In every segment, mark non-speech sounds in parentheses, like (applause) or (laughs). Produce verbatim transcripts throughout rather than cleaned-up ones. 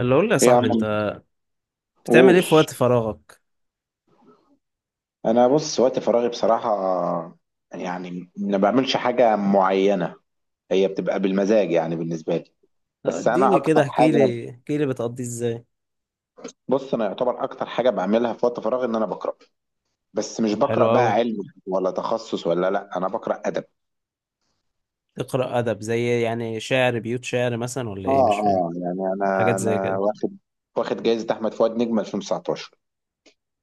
اللي اقول لي يا ايه يا صاحبي، انت عم، بتعمل ايه قول. في وقت فراغك؟ انا بص وقت فراغي بصراحه، يعني ما بعملش حاجه معينه. هي بتبقى بالمزاج يعني بالنسبه لي. آه، بس انا اديني اكتر كده، احكي حاجه لي احكي لي بتقضيه ازاي؟ بص انا يعتبر اكتر حاجه بعملها في وقت فراغي ان انا بقرا. بس مش طب حلو بقرا بقى قوي. علم ولا تخصص، ولا، لا، انا بقرا ادب. تقرا ادب، زي يعني شعر، بيوت شعر مثلا، ولا ايه؟ اه، مش فاهم اه، يعني انا حاجات زي انا كده. واخد واخد جائزه احمد فؤاد نجم ألفين وتسعتاشر.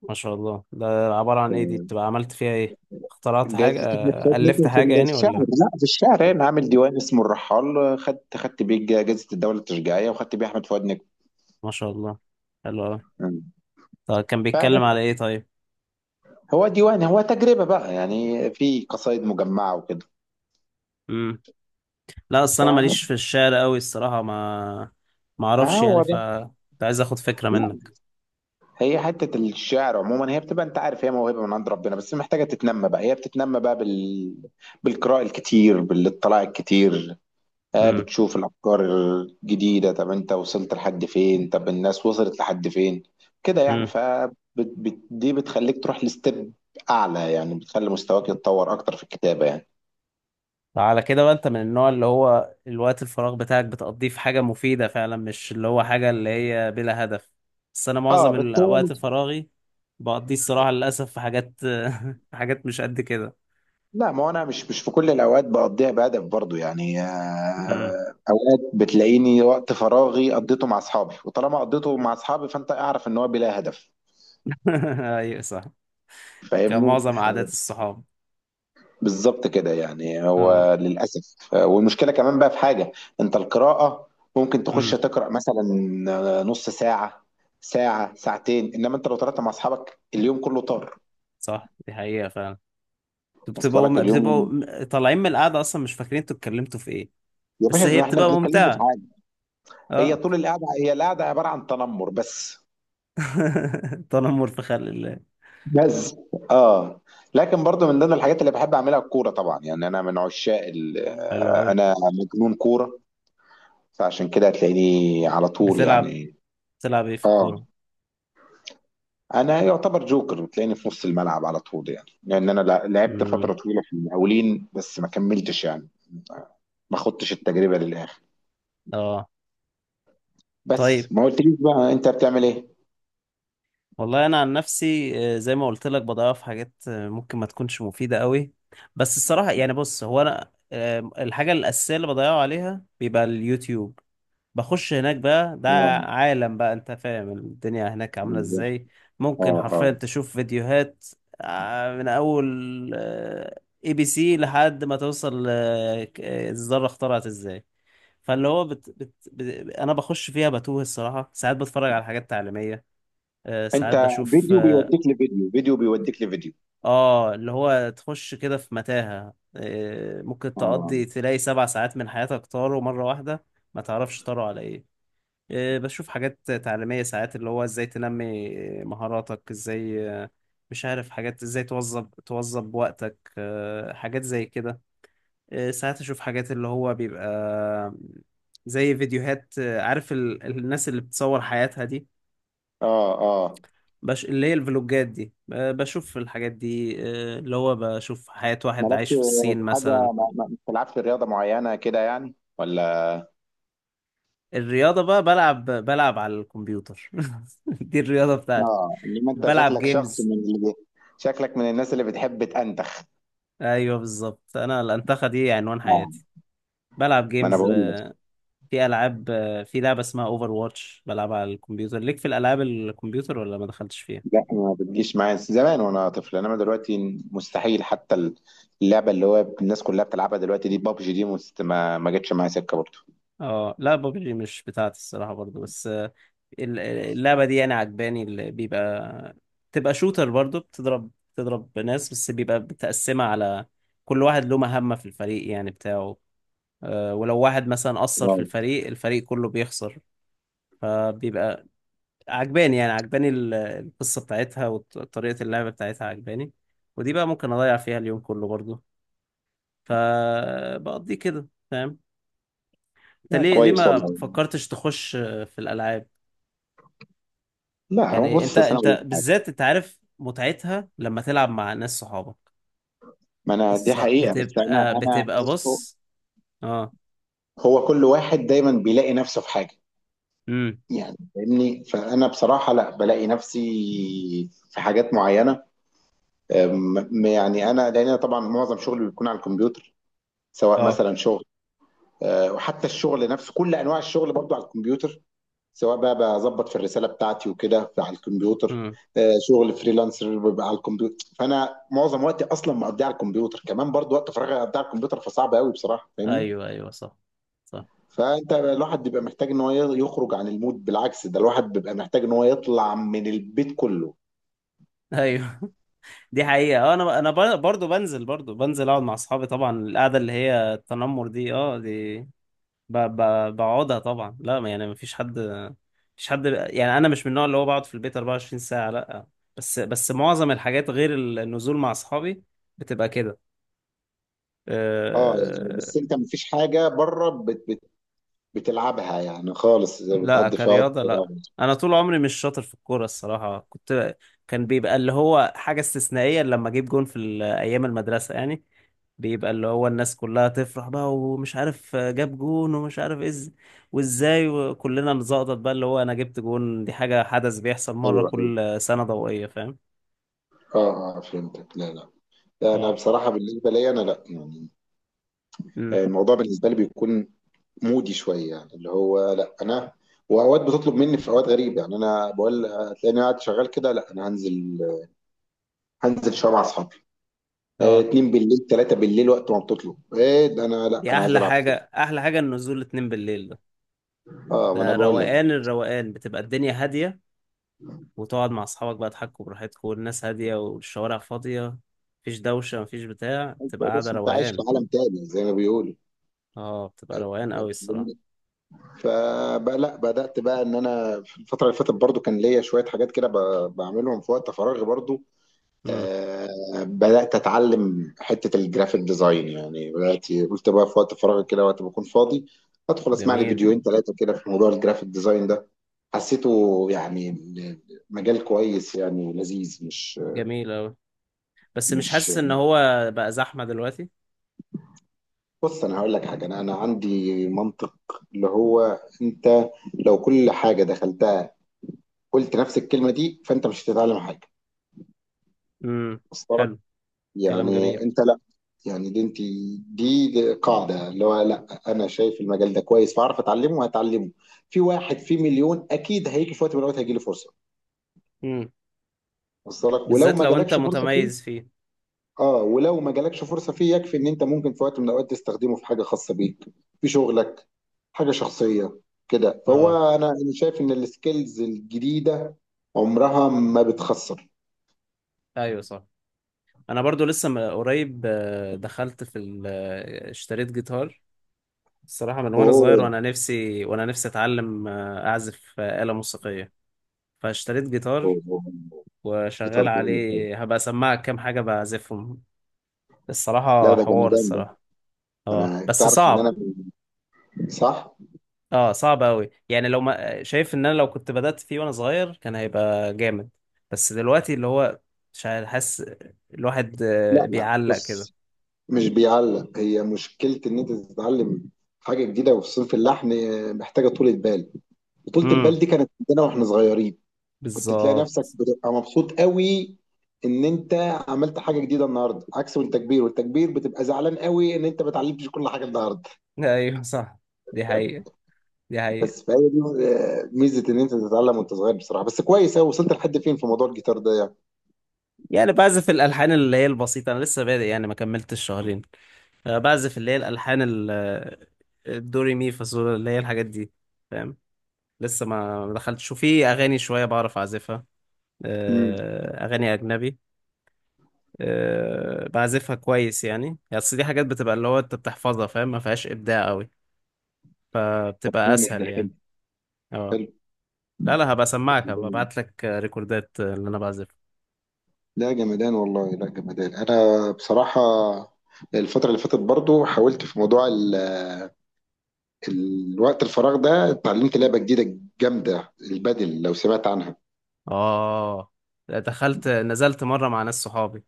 ما شاء الله! ده عبارة عن ايه؟ دي بتبقى عملت فيها ايه؟ اخترعت حاجة؟ جائزة احمد آه، فؤاد الفت نجم حاجة في يعني، الشعر، ولا؟ لا في الشعر، انا عامل ديوان اسمه الرحال، خدت خدت بيه جائزة الدولة التشجيعية، وخدت بيه احمد فؤاد نجم. ما شاء الله. حلو قوي. مم. طب كان بيتكلم على فبس، ايه؟ طيب. هو ديوان، هو تجربة بقى، يعني في قصائد مجمعة وكده. امم. لا، اصل انا ماليش فاهم. في الشعر قوي الصراحة، ما ما ما اعرفش يعني، هو ف... ده. كنت عايز اخد فكرة لا، منك. هي حتة الشعر عموما، هي بتبقى انت عارف، هي موهبة من عند ربنا، بس محتاجة تتنمى بقى، هي بتتنمى بقى بال... بالقراءة الكتير، بالاطلاع الكتير. آه بتشوف الأفكار الجديدة، طب انت وصلت لحد فين، طب الناس وصلت لحد فين كده يعني. امم. ف بت... بت... دي بتخليك تروح لستيب أعلى، يعني بتخلي مستواك يتطور أكتر في الكتابة يعني. على كده بقى انت من النوع اللي هو الوقت الفراغ بتاعك بتقضيه في حاجة مفيدة فعلا، مش اللي هو حاجة اللي هي بلا هدف. بس انا اه، معظم بس هو. الوقت فراغي بقضيه الصراحة للأسف في حاجات (laughs) في حاجات مش قد كده. لا ما هو انا مش مش في كل الاوقات بقضيها بهدف برضو يعني. امم. آه، اوقات بتلاقيني وقت فراغي قضيته مع اصحابي، وطالما قضيته مع اصحابي فانت اعرف ان هو بلا هدف. (laughs) ايوه صح. فاهمني. كمعظم عادات الصحاب. بالظبط كده يعني اه. هو للاسف، آه، والمشكله كمان بقى في حاجه. انت القراءه ممكن تخش امم. تقرا مثلا آه، نص ساعه، ساعه، ساعتين، انما انت لو طلعت مع اصحابك اليوم كله طار. صح، دي حقيقة فعلا. انتوا وصل لك بتبقوا اليوم؟ بتبقوا م- طالعين من القعدة اصلا، مش فاكرين انتوا اتكلمتوا في ايه. يا بس باشا، هي ده احنا بتبقى بنتكلم في ممتعة. حاجه. هي اه. طول القعده، هي القعده عباره عن تنمر بس (laughs) تنمر في خلق الله. بس اه. لكن برضو من ضمن الحاجات اللي بحب اعملها الكوره طبعا، يعني انا من عشاق ال- حلو آه، قوي. انا مجنون كوره. فعشان كده هتلاقيني على طول بتلعب يعني. بتلعب ايه في اه، الكورة؟ انا يعتبر جوكر، بتلاقيني في نص الملعب على طول، يعني لان انا لع- لعبت امم. فتره طويله في المقاولين بس ما كملتش يعني. ما خدتش التجربه للاخر. اه. طيب. بس ما قلتليش بقى انت بتعمل ايه؟ والله انا عن نفسي، آه، زي ما قلت لك بضيع في حاجات آه، ممكن ما تكونش مفيده قوي. بس الصراحه يعني، بص، هو انا آه، الحاجه الاساسيه اللي بضيعه عليها بيبقى اليوتيوب. بخش هناك بقى، ده اه، عالم بقى، انت فاهم الدنيا هناك عامله بالظبط. ازاي. اه، ممكن اه، حرفيا تشوف فيديوهات آه، من اول اي بي سي لحد ما توصل آه، ك- آه، الذره اخترعت ازاي. فاللي هو بت... بت... بت... انا بخش فيها بتوه الصراحه، ساعات بتفرج على حاجات تعليميه. آه، ساعات انت بشوف فيديو اه بيوديك لفيديو، فيديو بيوديك لفيديو. آه، اللي هو تخش كده في متاهه، آه، ممكن اه، تقضي، تلاقي سبع ساعات من حياتك طاروا مره واحده. ما تعرفش طاروا على ايه. آه، بشوف حاجات تعليميه، ساعات اللي هو ازاي تنمي مهاراتك، ازاي آه، مش عارف، حاجات ازاي توظب توظب وقتك، آه، حاجات زي كده. آه، ساعات اشوف حاجات اللي هو بيبقى زي فيديوهات، آه، عارف ال... الناس اللي بتصور حياتها دي. اه. آه. بش... اللي هي الفلوجات دي، آه، بشوف الحاجات دي. آه، اللي هو بشوف حياة واحد مالكش عايش في الصين في حاجة، مثلا. ما ما- ما بتلعبش رياضة معينة كده يعني ولا؟ الرياضة بقى بلعب بلعب على الكمبيوتر (laughs) دي الرياضة بتاعتي. اه، انما انت بلعب شكلك شخص جيمز. من اللي شكلك من الناس اللي بتحب تأنتخ. ايوه بالظبط، انا الانتخة دي عنوان اه، حياتي. بلعب ما انا جيمز، بقول لك. آه، في العاب، آه، في لعبة اسمها اوفر واتش بلعبها على الكمبيوتر، ليك في الالعاب الكمبيوتر ولا ما دخلتش فيها؟ لا، ما بتجيش معايا زمان وانا طفل، انما دلوقتي مستحيل حتى. اللعبة اللي هو الناس كلها بتلعبها دلوقتي دي بابجي، دي مست- ما ما جتش معايا سكة برضه. اه، لا، بابجي مش بتاعتي الصراحة برضو، بس آه، ال- اللعبة دي يعني عجباني، اللي بيبقى تبقى شوتر برضو، بتضرب بتضرب ناس، بس بيبقى متقسمة على كل واحد له مهمة في الفريق يعني بتاعه. آه، ولو واحد مثلا قصر في آه. الفريق، الفريق كله بيخسر. فبيبقى عجباني، يعني عجباني ال- القصة بتاعتها وطريقة اللعبة بتاعتها عجباني. ودي بقى ممكن أضيع فيها اليوم كله برضو. فبقضي كده، فاهم. انت لا ليه ليه كويس ما والله. فكرتش تخش في الألعاب؟ لا هو يعني انت بص، أصل انا اقول انت لك حاجة. بالذات انت عارف متعتها لما تلعب مع ناس صحابك. ما انا دي الص- حقيقة، بس انا بتبقى انا بتبقى بص. اه. هو كل واحد دايما بيلاقي نفسه في حاجة. امم. يعني فاهمني، فانا بصراحه لا بلاقي نفسي في حاجات معينه. أم- يعني انا لان أنا طبعا معظم شغلي بيكون على الكمبيوتر، سواء اه. مثلا شغل، أه، وحتى الشغل نفسه كل انواع الشغل برضو على الكمبيوتر، سواء بقى بظبط في الرساله بتاعتي وكده على الكمبيوتر. امم. أه، شغل فريلانسر بيبقى على الكمبيوتر، فانا معظم وقتي اصلا مقضيه على الكمبيوتر، كمان برضو وقت فراغي اقضيه على الكمبيوتر، فصعب قوي بصراحه، فاهمني. ايوه، ايوه، صح، صح، فانت الواحد بيبقى محتاج ان هو يخرج عن المود، بالعكس ده الواحد بيبقى محتاج ان هو يطلع من البيت كله. ايوه. (laughs) دي حقيقة. اه انا انا بر- برضو بنزل برضو بنزل اقعد مع اصحابي، طبعا القعدة اللي هي التنمر دي، اه، دي ب- ب- بقعدها طبعا، لا ما- يعني مفيش حد. مفيش حد، يعني انا مش من النوع اللي هو بقعد في البيت أربعة وعشرين ساعة، لا. بس بس معظم الحاجات غير النزول مع اصحابي بتبقى كده. اه يعني، أه. بس انت مفيش حاجه بره بت بت بتلعبها يعني خالص لا، بتقضي فيها وقت كرياضة فراغ؟ لا. أنا طول عمري مش شاطر في الكورة الصراحة، كنت كان بيبقى اللي هو حاجة استثنائية لما أجيب جون في ال- أيام المدرسة يعني. بيبقى اللي هو الناس كلها تفرح بقى، ومش عارف جاب جون ومش عارف إز وإزاي، وكلنا نزقطط بقى اللي هو أنا جبت جون، دي حاجة، حدث بيحصل مرة ايوه، ايوه. كل سنة ضوئية، فاهم. اه، اه، فهمتك. لا، لا، لا، انا اه. بصراحه بالنسبه لي، انا لا يعني. امم. الموضوع بالنسبه لي بيكون مودي شويه يعني، اللي هو لا انا. واوقات بتطلب مني في اوقات غريبه يعني، انا بقول هتلاقيني قاعد شغال كده، لا انا هنزل هنزل شويه مع اصحابي. آه، اه. اتنين بالليل، تلاتة بالليل، وقت ما بتطلب، ايه ده، انا لا دي انا عايز أحلى العب كورة. حاجة، أحلى حاجة النزول اتنين بالليل ده. اه ما انا ده بقول لك. روقان، الروقان بتبقى الدنيا هادية، وتقعد مع أصحابك بقى تحكوا براحتكوا، والناس هادية والشوارع فاضية، مفيش دوشة مفيش بتاع، بتبقى قاعدة بس انت عايش في روقان. عالم تاني زي ما بيقولوا. اه، بتبقى روقان أوي الصراحة. فبقى لا، بدأت بقى ان انا في الفترة اللي فاتت برضو كان ليا شوية حاجات كده ب- بعملهم في وقت فراغي برضو. امم. آه بدأت اتعلم حتة الجرافيك ديزاين يعني، بدأت قلت بقى في وقت فراغي كده وقت ما اكون فاضي، ادخل اسمع لي جميل. فيديوهين ثلاثة كده في موضوع الجرافيك ديزاين ده. حسيته يعني، مجال كويس يعني لذيذ مش جميل أوي. بس مش مش حاسس إن هو بقى زحمة دلوقتي؟ بص انا هقول لك حاجه، انا انا عندي منطق اللي هو انت، لو كل حاجه دخلتها قلت نفس الكلمه دي فانت مش هتتعلم حاجه. امم. وصل لك؟ حلو. كلام جميل. يعني انت لا يعني، دي انت دي دي قاعده اللي هو لا انا شايف المجال ده كويس، فاعرف اتعلمه وهتعلمه. في واحد في مليون اكيد، هيجي في وقت من الاوقات هيجي له فرصه. امم. وصل لك؟ ولو بالذات ما لو أنت جالكش فرصه متميز فيه. فيه. اه، ولو ما جالكش فرصه فيه يكفي ان انت ممكن في وقت من الاوقات تستخدمه في حاجه خاصه بيك، في شغلك، حاجه شخصيه. كده، اه. فهو انا انا شايف ان السكيلز الجديده عمرها ما بتخسر. أيوة صح. أنا برضو لسه م- قريب آه، دخلت في ال- آه، اشتريت جيتار. الصراحة من وأنا صغير اوه، وأنا نفسي، وأنا نفسي أتعلم آه، أعزف آه، آلة موسيقية. فاشتريت جيتار أوه، أوه. في وشغال ترجمة. عليه، هبقى اسمعك كام حاجة بعزفهم. لا الصراحة ده حوار، جمدان ده. الصراحة. اه انا بس تعرف ان انا صعب. ب- صح. اه، صعب قوي يعني، لو ما شايف ان انا لو كنت بدأت فيه وانا صغير كان هيبقى جامد. بس دلوقتي اللي هو مش عارف، حاسس الواحد آه، لا، لا، بيعلق كده. بص، مش بيعلق، هي مشكله ان انت تتعلم حاجه جديده، وفي صنف اللحن آه، محتاجه طولة بال، وطولة البال امم. دي كانت عندنا واحنا صغيرين. كنت تلاقي نفسك بالظبط. بتبقى مبسوط قوي ان انت عملت حاجه جديده النهارده، عكس التكبير، والتكبير بتبقى زعلان قوي ان انت ما اتعلمتش كل حاجه النهارده. ايوه صح. دي حقيقة. دي حقيقة. بس فهي دي آه، ميزه ان انت تتعلم وانت صغير بصراحه، بس كويس قوي، وصلت لحد فين في موضوع الجيتار ده يعني؟ يعني بعزف الالحان اللي هي البسيطة، انا لسه بادئ يعني، ما كملتش شهرين. آه، بعزف اللي هي الالحان ال- آه، الدوري مي فاصول، اللي هي الحاجات دي، فاهم. لسه ما ما دخلتش، وفي اغاني شويه بعرف اعزفها. امم. آه، اغاني اجنبي، آه، بعزفها كويس يعني يعني اصل دي حاجات بتبقى اللي هو انت بتحفظها، فاهم، ما فيهاش ابداع قوي فبتبقى جامد ده، اسهل حلو، يعني. اه. حلو. لا، لا، هبقى اسمعك، هبقى ابعت لك ريكوردات اللي انا بعزفها. لا جمدان والله، لا جمدان، انا بصراحه، الفترة اللي فاتت برضو حاولت في موضوع ال... الوقت الفراغ ده، اتعلمت لعبة جديدة جامدة، البادل لو سمعت عنها. اه، دخلت نزلت مره مع ناس صحابي،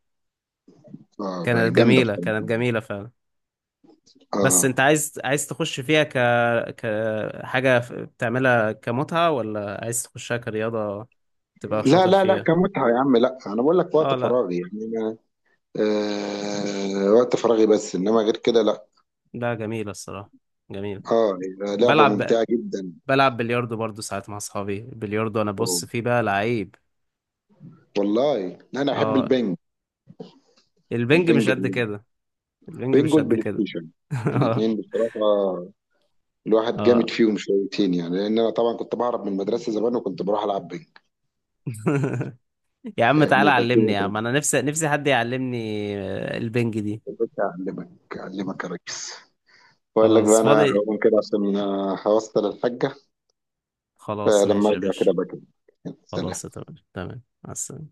اه، كانت جامدة جميله، بصراحة، كانت جميله فعلا. بس اه. انت عايز عايز تخش فيها ك كحاجه بتعملها كمتعه، ولا عايز تخشها كرياضه تبقى لا، شاطر لا، لا، فيها؟ كمتعة يا عم، لا أنا بقول لك اه، وقت لا، فراغي يعني أنا، آه وقت فراغي، بس إنما غير كده لا. لا، جميلة الصراحة، جميلة. أه. لعبة بلعب ب... ممتعة جدا. بلعب بلياردو برضو ساعات مع اصحابي، البلياردو انا بص فيه بقى لعيب. والله أنا أحب اه. البنج البنج مش البنج قد كده. البنج البنج مش قد والبلاي كده ستيشن، (laughs) اه. الاتنين بصراحة. الواحد جامد اه. فيهم شويتين يعني، لأن أنا طبعا كنت بهرب من المدرسة زمان وكنت بروح ألعب بنج. (laughs) يا عم تعالى فاهمني، علمني، فالدنيا يا كانت عم انا نفسي، نفسي حد يعلمني آه، البنج دي. بتبقى، أعلمك أعلمك يا ريس. بقول لك بقى خلاص أنا فاضي. هقوم كده عشان آه، هوصل الحاجة. خلاص فلما ماشي يا أرجع كده باشا. بقى كده. سلام. خلاص تمام تمام، مع السلامة.